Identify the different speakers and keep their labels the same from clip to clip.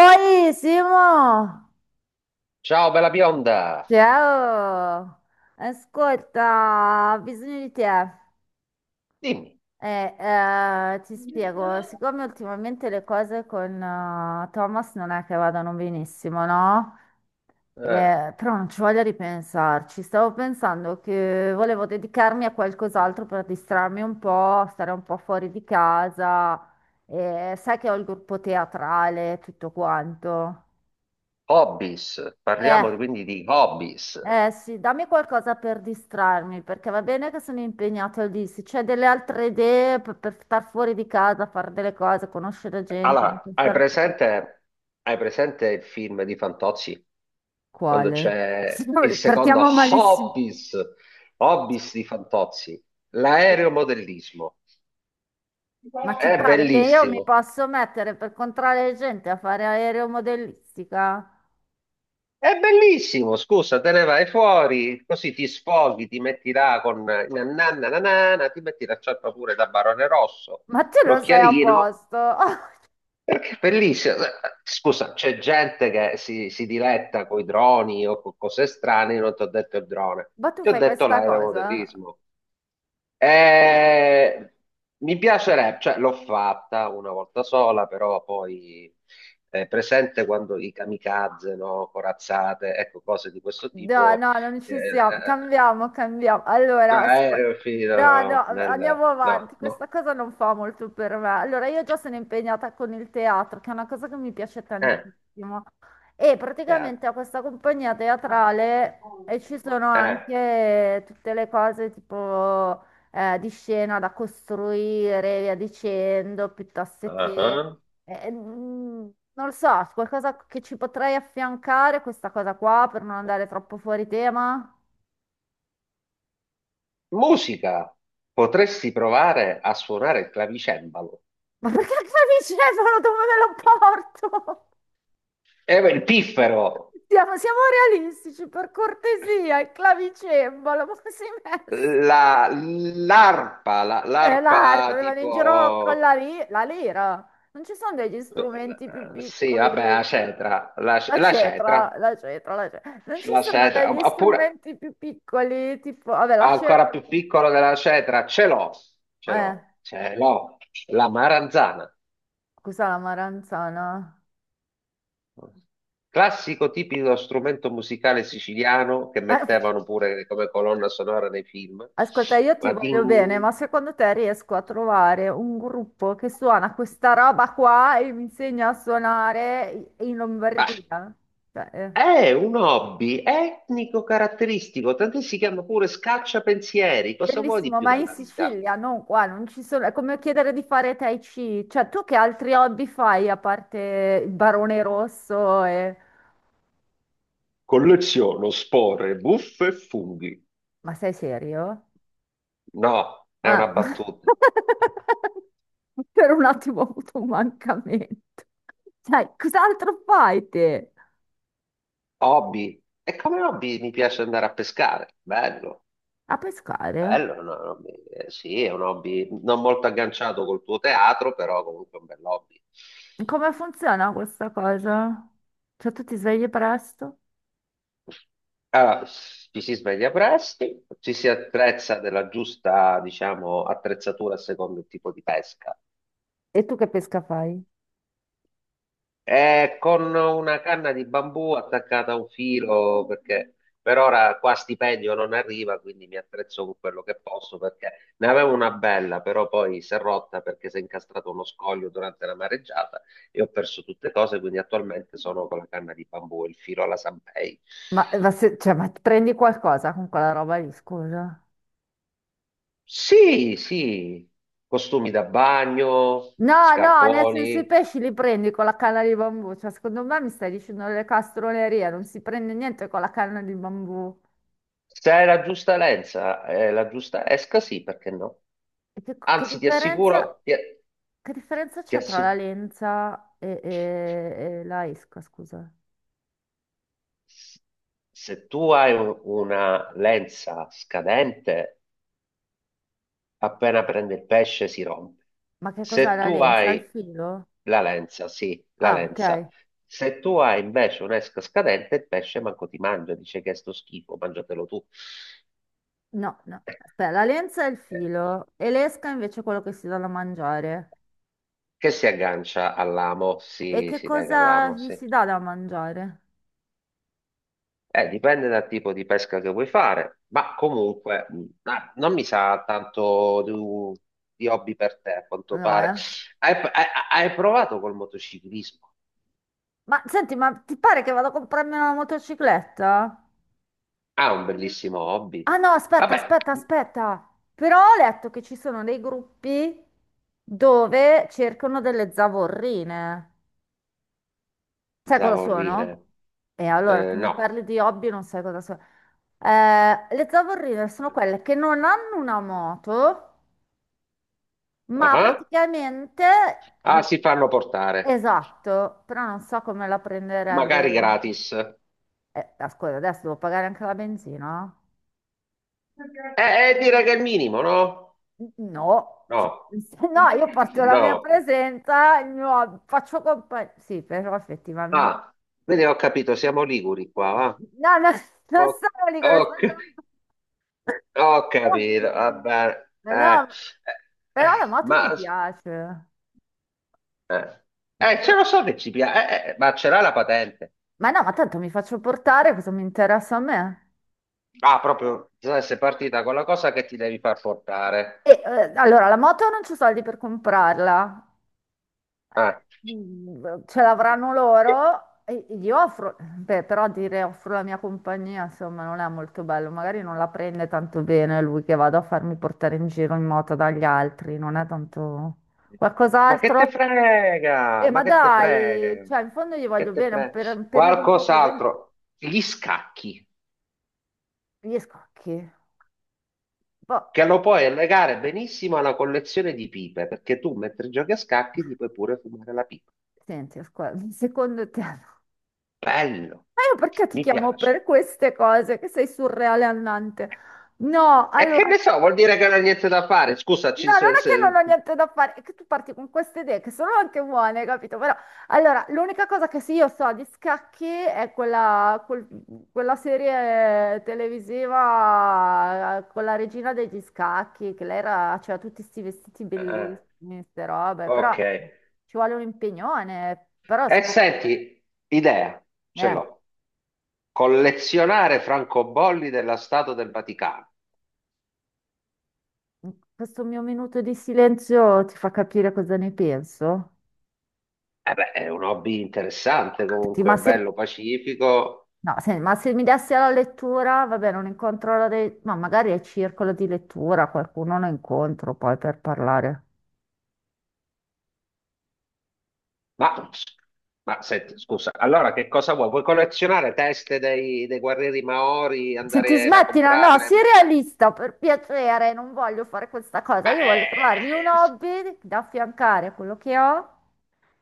Speaker 1: Oi Simo,
Speaker 2: Ciao bella bionda,
Speaker 1: ciao, ascolta, ho bisogno di te.
Speaker 2: dimmi,
Speaker 1: Ti spiego, siccome ultimamente le cose con Thomas non è che vadano benissimo, no?
Speaker 2: eh,
Speaker 1: Però non ci voglio ripensarci, stavo pensando che volevo dedicarmi a qualcos'altro per distrarmi un po', stare un po' fuori di casa. Sai che ho il gruppo teatrale, tutto quanto.
Speaker 2: hobbies,
Speaker 1: Eh,
Speaker 2: parliamo quindi di hobbies.
Speaker 1: Eh sì, dammi qualcosa per distrarmi, perché va bene che sono impegnato lì. Se c'è delle altre idee per, star fuori di casa, fare delle cose, conoscere gente, non
Speaker 2: Allora,
Speaker 1: pensare solo-
Speaker 2: hai presente il film di Fantozzi? Quando
Speaker 1: Quale?
Speaker 2: c'è il secondo
Speaker 1: Partiamo malissimo.
Speaker 2: Hobbies, Hobbies di Fantozzi, l'aeromodellismo.
Speaker 1: Ma ti
Speaker 2: È
Speaker 1: pare che io mi
Speaker 2: bellissimo,
Speaker 1: posso mettere per controllare gente a fare aeromodellistica?
Speaker 2: è bellissimo, scusa, te ne vai fuori, così ti sfoghi, ti metti là con na na na na na, na, ti metti la ciarpa pure da Barone Rosso,
Speaker 1: Ma tu lo sei a
Speaker 2: l'occhialino.
Speaker 1: posto?
Speaker 2: Perché è bellissimo. Scusa, c'è gente che si diletta con i droni o con cose strane. Io non ti ho detto il drone,
Speaker 1: Ma tu
Speaker 2: ti ho
Speaker 1: fai
Speaker 2: detto
Speaker 1: questa cosa?
Speaker 2: l'aeromodellismo. E mi piacerebbe, cioè l'ho fatta una volta sola, però poi è presente quando i kamikaze, no? Corazzate, ecco, cose di questo
Speaker 1: No,
Speaker 2: tipo.
Speaker 1: no, non
Speaker 2: eh,
Speaker 1: ci siamo. Cambiamo, cambiamo. Allora, asp-
Speaker 2: aereo
Speaker 1: no, no,
Speaker 2: fino nel...
Speaker 1: andiamo
Speaker 2: No,
Speaker 1: avanti. Questa
Speaker 2: no.
Speaker 1: cosa non fa molto per me. Allora, io già sono impegnata con il teatro, che è una cosa che mi piace
Speaker 2: Eh,
Speaker 1: tantissimo. E praticamente
Speaker 2: cavolo.
Speaker 1: ho questa compagnia teatrale e ci sono
Speaker 2: Eh.
Speaker 1: anche tutte le cose tipo di scena da costruire, e via dicendo, piuttosto
Speaker 2: Ah,
Speaker 1: che,
Speaker 2: ah.
Speaker 1: eh, mm, non lo so, qualcosa che ci potrei affiancare a questa cosa qua per non andare troppo fuori tema?
Speaker 2: Musica, potresti provare a suonare il clavicembalo.
Speaker 1: Ma perché il clavicembalo dove me lo porto?
Speaker 2: Beh, il piffero,
Speaker 1: Siamo realistici, per cortesia, il clavicembalo, ma come si è messo?
Speaker 2: l'arpa,
Speaker 1: L'arpa,
Speaker 2: l'arpa
Speaker 1: se vado in giro con
Speaker 2: tipo,
Speaker 1: la lira. Non ci sono degli strumenti più
Speaker 2: sì, vabbè, la
Speaker 1: piccoli.
Speaker 2: cetra, la,
Speaker 1: La
Speaker 2: la
Speaker 1: cetra,
Speaker 2: cetra,
Speaker 1: la cetra, la cetra. Non ci
Speaker 2: la
Speaker 1: sono
Speaker 2: cetra,
Speaker 1: degli
Speaker 2: oppure
Speaker 1: strumenti più piccoli, tipo, vabbè, la
Speaker 2: ancora
Speaker 1: cetra.
Speaker 2: più piccolo della cetra, ce l'ho, ce
Speaker 1: Eh,
Speaker 2: l'ho, ce l'ho, la maranzana.
Speaker 1: cos'è la maranzana?
Speaker 2: Classico tipico strumento musicale siciliano che
Speaker 1: Eh,
Speaker 2: mettevano pure come colonna sonora nei film.
Speaker 1: ascolta, io ti
Speaker 2: Ma,
Speaker 1: voglio bene,
Speaker 2: din-
Speaker 1: ma secondo te riesco a trovare un gruppo che suona questa roba qua e mi insegna a suonare in
Speaker 2: ma
Speaker 1: Lombardia? Cioè,
Speaker 2: è un hobby etnico caratteristico, tant'è si chiama pure scacciapensieri. Cosa vuoi di
Speaker 1: bellissimo,
Speaker 2: più
Speaker 1: ma in
Speaker 2: dalla vita?
Speaker 1: Sicilia, non qua, non ci sono. È come chiedere di fare Tai Chi. Cioè, tu che altri hobby fai a parte il Barone Rosso e...
Speaker 2: Colleziono spore, buffe e funghi.
Speaker 1: Ma sei serio?
Speaker 2: No, è una
Speaker 1: Ah.
Speaker 2: battuta.
Speaker 1: Per un attimo ho avuto un mancamento. Sai, cos'altro fai te?
Speaker 2: Hobby. E come hobby mi piace andare a pescare. Bello.
Speaker 1: A pescare?
Speaker 2: Bello, è un hobby. Sì, è un hobby non molto agganciato col tuo teatro, però comunque è un bel hobby.
Speaker 1: Come funziona questa cosa? Cioè, tu ti svegli presto?
Speaker 2: Allora, ci si sveglia presto, ci si attrezza della giusta, diciamo, attrezzatura a secondo il tipo di pesca.
Speaker 1: E tu che pesca fai?
Speaker 2: Con una canna di bambù attaccata a un filo, perché per ora qua stipendio non arriva, quindi mi attrezzo con quello che posso, perché ne avevo una bella, però poi si è rotta perché si è incastrato uno scoglio durante la mareggiata e ho perso tutte cose, quindi attualmente sono con la canna di bambù e il filo alla Sanpei.
Speaker 1: Ma prendi qualcosa con quella roba lì, scusa?
Speaker 2: Sì, costumi da bagno,
Speaker 1: No, no, nel senso i
Speaker 2: scarponi.
Speaker 1: pesci li prendi con la canna di bambù. Cioè, secondo me mi stai dicendo le castronerie, non si prende niente con la canna di bambù.
Speaker 2: Se è la giusta lenza, la giusta esca, sì, perché no?
Speaker 1: E che
Speaker 2: Anzi, ti
Speaker 1: differenza?
Speaker 2: assicuro, ti,
Speaker 1: Che differenza
Speaker 2: ti
Speaker 1: c'è tra
Speaker 2: assi-
Speaker 1: la lenza e, e la esca, scusa?
Speaker 2: se tu hai una lenza scadente, appena prende il pesce si rompe.
Speaker 1: Ma che cos'è
Speaker 2: Se
Speaker 1: la
Speaker 2: tu
Speaker 1: lenza? Il
Speaker 2: hai
Speaker 1: filo?
Speaker 2: la lenza, sì, la
Speaker 1: Ah, ok.
Speaker 2: lenza. Se tu hai invece un'esca scadente, il pesce manco ti mangia, dice che è sto schifo, mangiatelo tu.
Speaker 1: No, no. Aspetta, la lenza è il
Speaker 2: Eh,
Speaker 1: filo e l'esca invece è quello che si dà da mangiare.
Speaker 2: che si aggancia all'amo,
Speaker 1: E
Speaker 2: sì,
Speaker 1: che
Speaker 2: si lega
Speaker 1: cosa
Speaker 2: all'amo,
Speaker 1: gli
Speaker 2: sì.
Speaker 1: si dà da mangiare?
Speaker 2: Dipende dal tipo di pesca che vuoi fare, ma comunque non mi sa tanto di, di hobby per te, a quanto
Speaker 1: No,
Speaker 2: pare.
Speaker 1: eh.
Speaker 2: Hai, hai- hai provato col motociclismo?
Speaker 1: Ma senti, ma ti pare che vado a comprarmi una motocicletta?
Speaker 2: Ah, un bellissimo hobby.
Speaker 1: Ah no, aspetta,
Speaker 2: Vabbè,
Speaker 1: aspetta, aspetta. Però ho letto che ci sono dei gruppi dove cercano delle zavorrine. Sai cosa
Speaker 2: pensavo
Speaker 1: sono?
Speaker 2: ridere.
Speaker 1: E allora tu mi
Speaker 2: No.
Speaker 1: parli di hobby e non sai cosa sono. Le zavorrine sono quelle che non hanno una moto,
Speaker 2: Ah,
Speaker 1: ma
Speaker 2: ah.
Speaker 1: praticamente...
Speaker 2: Ah, si fanno portare,
Speaker 1: Esatto, però non so come la
Speaker 2: magari
Speaker 1: prenderebbe.
Speaker 2: gratis.
Speaker 1: Ascolta, adesso devo pagare anche la benzina?
Speaker 2: Direi che è il minimo, no?
Speaker 1: No, cioè,
Speaker 2: No.
Speaker 1: se no, io porto la mia
Speaker 2: No.
Speaker 1: presenza, faccio compagnia. Sì, però effettivamente.
Speaker 2: Ah, quindi ho capito, siamo liguri qua, va?
Speaker 1: No, no, non sono lì,
Speaker 2: Ok. Ho
Speaker 1: sono...
Speaker 2: capito, va bene.
Speaker 1: Ma no, ma-
Speaker 2: Eh,
Speaker 1: però la moto mi
Speaker 2: ma
Speaker 1: piace.
Speaker 2: eh,
Speaker 1: Beh,
Speaker 2: ce
Speaker 1: però-
Speaker 2: lo so che ci piace, ma ce l'ha la patente.
Speaker 1: Ma no, ma tanto mi faccio portare, cosa mi interessa a me?
Speaker 2: Ah, proprio, sei partita con la cosa che ti devi far portare.
Speaker 1: Allora, la moto non c'ho soldi per comprarla.
Speaker 2: Ah.
Speaker 1: Ce l'avranno loro e gli offro, beh, però dire offro la mia compagnia, insomma, non è molto bello, magari non la prende tanto bene lui che vado a farmi portare in giro in moto dagli altri, non è tanto
Speaker 2: Ma che te
Speaker 1: qualcos'altro?
Speaker 2: frega? Ma
Speaker 1: Ma
Speaker 2: che te
Speaker 1: dai,
Speaker 2: frega?
Speaker 1: cioè, in fondo gli voglio
Speaker 2: Che te
Speaker 1: bene,
Speaker 2: frega?
Speaker 1: per un periodo un po' così, ma
Speaker 2: Qualcos'altro. Gli scacchi,
Speaker 1: gli scocchi. Boh,
Speaker 2: che lo puoi legare benissimo alla collezione di pipe, perché tu mentre giochi a scacchi ti puoi pure fumare la pipa.
Speaker 1: senti, ascolta, secondo te, ma
Speaker 2: Bello,
Speaker 1: io perché ti
Speaker 2: mi
Speaker 1: chiamo
Speaker 2: piace.
Speaker 1: per queste cose che sei surreale annante? No,
Speaker 2: E che
Speaker 1: allora,
Speaker 2: ne
Speaker 1: no,
Speaker 2: so, vuol dire che non ha niente da fare. Scusa, ci-
Speaker 1: non
Speaker 2: se-
Speaker 1: è che
Speaker 2: se-
Speaker 1: non ho niente da fare, è che tu parti con queste idee che sono anche buone, capito? Però, allora, l'unica cosa che sì, io so di scacchi è quella serie televisiva con la regina degli scacchi, che lei era, c'era tutti questi vestiti
Speaker 2: eh,
Speaker 1: bellissimi, queste robe, però
Speaker 2: ok.
Speaker 1: ci vuole un impegnone, però si
Speaker 2: E
Speaker 1: può...
Speaker 2: senti, idea, ce
Speaker 1: Eh.
Speaker 2: l'ho. Collezionare francobolli della Stato del Vaticano.
Speaker 1: Questo mio minuto di silenzio ti fa capire cosa ne penso?
Speaker 2: Eh beh, è un hobby interessante
Speaker 1: Senti,
Speaker 2: comunque, bello, pacifico.
Speaker 1: ma se mi dessi alla lettura, vabbè, non incontro la dei... Ma magari al circolo di lettura qualcuno lo incontro poi per parlare.
Speaker 2: Ma, ma senti, scusa, allora che cosa vuoi? Vuoi collezionare teste dei guerrieri Maori,
Speaker 1: Senti,
Speaker 2: andare a
Speaker 1: smettila, no, no,
Speaker 2: comprarle e
Speaker 1: sii
Speaker 2: metterle?
Speaker 1: realista, per piacere, non voglio fare questa cosa.
Speaker 2: Ma
Speaker 1: Io
Speaker 2: eh,
Speaker 1: voglio trovarmi un
Speaker 2: eh, eh,
Speaker 1: hobby da affiancare a quello che ho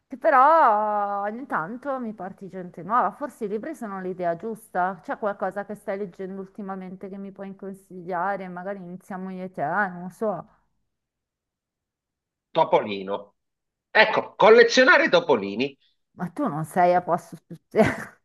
Speaker 1: che però ogni tanto mi porti gente nuova. Forse i libri sono l'idea giusta. C'è qualcosa che stai leggendo ultimamente che mi puoi consigliare? Magari iniziamo io e te, ah, non so.
Speaker 2: Topolino. Ecco, collezionare topolini.
Speaker 1: Ma tu non sei a posto su te.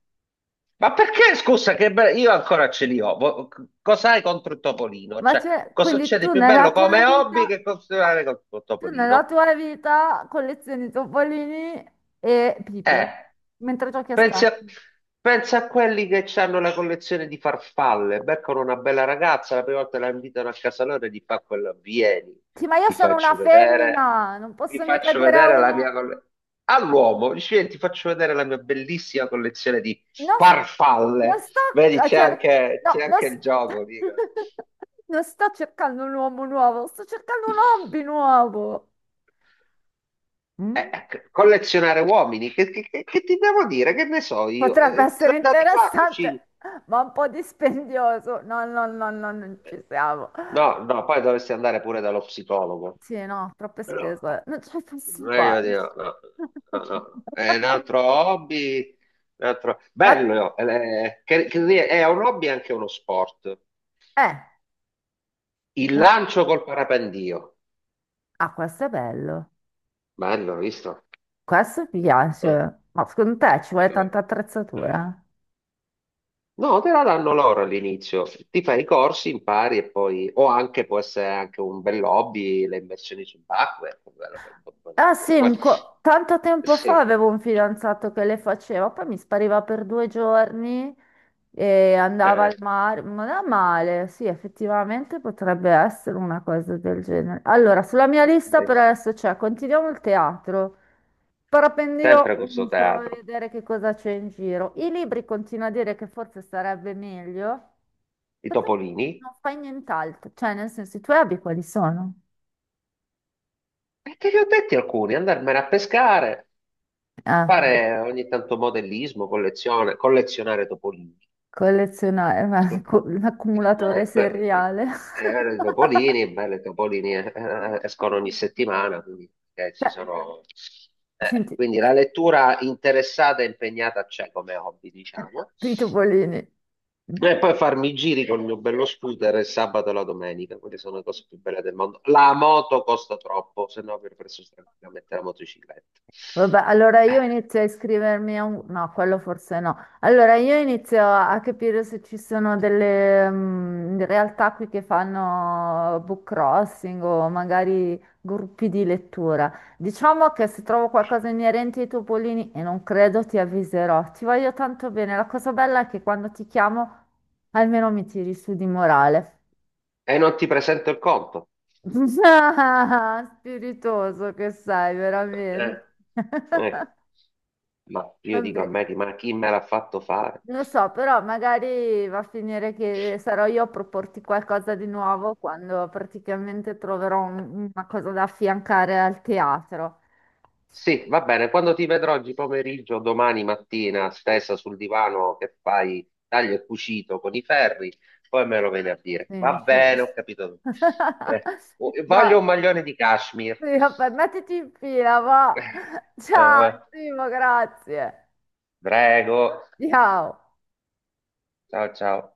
Speaker 2: Ma perché, scusa, che be- io ancora ce li ho. Cos'hai contro il topolino?
Speaker 1: Ma
Speaker 2: Cioè,
Speaker 1: c'è,
Speaker 2: cosa c'è di più bello come hobby che continuare con il
Speaker 1: tu nella
Speaker 2: topolino?
Speaker 1: tua vita collezioni topolini e
Speaker 2: Eh,
Speaker 1: pipe, mentre giochi a
Speaker 2: pensi a,
Speaker 1: scacchi.
Speaker 2: pensi a quelli che hanno la collezione di farfalle, beccano una bella ragazza, la prima volta la invitano a casa loro e gli fa quello, vieni,
Speaker 1: Sì, ma io
Speaker 2: ti
Speaker 1: sono una
Speaker 2: faccio vedere,
Speaker 1: femmina, non
Speaker 2: ti
Speaker 1: posso mica
Speaker 2: faccio
Speaker 1: dire a
Speaker 2: vedere la
Speaker 1: uno.
Speaker 2: mia collezione. All'uomo, dice, "Vieni, ti faccio vedere la mia bellissima collezione di
Speaker 1: Non, s- non
Speaker 2: farfalle."
Speaker 1: sto
Speaker 2: Vedi,
Speaker 1: a cercare,
Speaker 2: c'è
Speaker 1: no, non,
Speaker 2: anche il
Speaker 1: st-
Speaker 2: gioco, dicono.
Speaker 1: non sto cercando un uomo nuovo, sto cercando un hobby nuovo. Mm?
Speaker 2: Ecco, collezionare uomini, che ti devo dire? Che ne so io?
Speaker 1: Potrebbe essere
Speaker 2: Dati 4,
Speaker 1: interessante, ma un po' dispendioso. No, no, no, no, non ci siamo.
Speaker 2: no, no, poi dovresti andare pure dallo psicologo.
Speaker 1: Sì, no, troppe
Speaker 2: Però,
Speaker 1: spese, non ce la posso fare.
Speaker 2: meglio di no, no, no, no. È un altro hobby,
Speaker 1: Ma,
Speaker 2: bello, no? Che è un hobby e anche uno sport.
Speaker 1: eh,
Speaker 2: Il
Speaker 1: un-
Speaker 2: lancio col parapendio,
Speaker 1: ah, questo è bello,
Speaker 2: bello, hai visto?
Speaker 1: questo mi
Speaker 2: Eh.
Speaker 1: piace. Ma secondo te ci vuole tanta
Speaker 2: Eh.
Speaker 1: attrezzatura?
Speaker 2: No, te la danno loro all'inizio. Ti fai i corsi, impari e poi, o anche può essere anche un bel hobby, le immersioni subacquee, bello, bello,
Speaker 1: Ah
Speaker 2: bello pure
Speaker 1: sì,
Speaker 2: quello.
Speaker 1: tanto tempo
Speaker 2: Sì,
Speaker 1: fa avevo un fidanzato che le faceva, poi mi spariva per due giorni e andava
Speaker 2: eh,
Speaker 1: al mare, non è male, sì, effettivamente potrebbe essere una cosa del genere. Allora, sulla mia lista per
Speaker 2: eh,
Speaker 1: adesso c'è, continuiamo il teatro, parapendio,
Speaker 2: sempre
Speaker 1: mm,
Speaker 2: questo
Speaker 1: provo a
Speaker 2: teatro,
Speaker 1: vedere che cosa c'è in giro. I libri continuo a dire che forse sarebbe meglio,
Speaker 2: i
Speaker 1: ma tu
Speaker 2: topolini.
Speaker 1: non fai nient'altro, cioè nel senso i tuoi hobby quali sono?
Speaker 2: E te li ho detti alcuni, andarmene a pescare,
Speaker 1: Eh.
Speaker 2: fare ogni tanto modellismo, collezione, collezionare topolini.
Speaker 1: Collezionare, l'accumulatore
Speaker 2: Eh, que-
Speaker 1: seriale.
Speaker 2: erano i topolini, beh, i topolini escono ogni settimana, quindi, ci
Speaker 1: Cioè,
Speaker 2: sono...
Speaker 1: senti,
Speaker 2: quindi la lettura interessata e impegnata c'è come hobby, diciamo.
Speaker 1: eh, i topolini.
Speaker 2: E poi farmi i giri con il mio bello scooter il sabato e la domenica, quelle sono le cose più belle del mondo. La moto costa troppo, se no avrei preso tranquillamente la motocicletta.
Speaker 1: Vabbè, allora io inizio a iscrivermi a un... No, quello forse no. Allora io inizio a capire se ci sono delle realtà qui che fanno book crossing o magari gruppi di lettura. Diciamo che se trovo qualcosa inerente ai topolini, e non credo, ti avviserò. Ti voglio tanto bene. La cosa bella è che quando ti chiamo... Almeno mi tiri su di morale.
Speaker 2: E non ti presento il conto.
Speaker 1: Ah, spiritoso che sei,
Speaker 2: Eh,
Speaker 1: veramente.
Speaker 2: eh, ma io dico a
Speaker 1: Vabbè,
Speaker 2: me, ma chi me l'ha fatto fare?
Speaker 1: non lo so, però magari va a finire che sarò io a proporti qualcosa di nuovo quando praticamente troverò una cosa da affiancare al teatro.
Speaker 2: Sì, va bene, quando ti vedrò oggi pomeriggio, domani mattina, stessa sul divano che fai taglio e cucito con i ferri, poi me lo vieni a dire.
Speaker 1: Quindi mi
Speaker 2: Va
Speaker 1: ci...
Speaker 2: bene, ho capito tutto. Eh,
Speaker 1: Dai,
Speaker 2: voglio un maglione di cashmere.
Speaker 1: sì, vabbè, mettiti in fila, va. Ciao,
Speaker 2: Vabbè.
Speaker 1: Simo, grazie.
Speaker 2: Prego,
Speaker 1: Ciao.
Speaker 2: ciao ciao.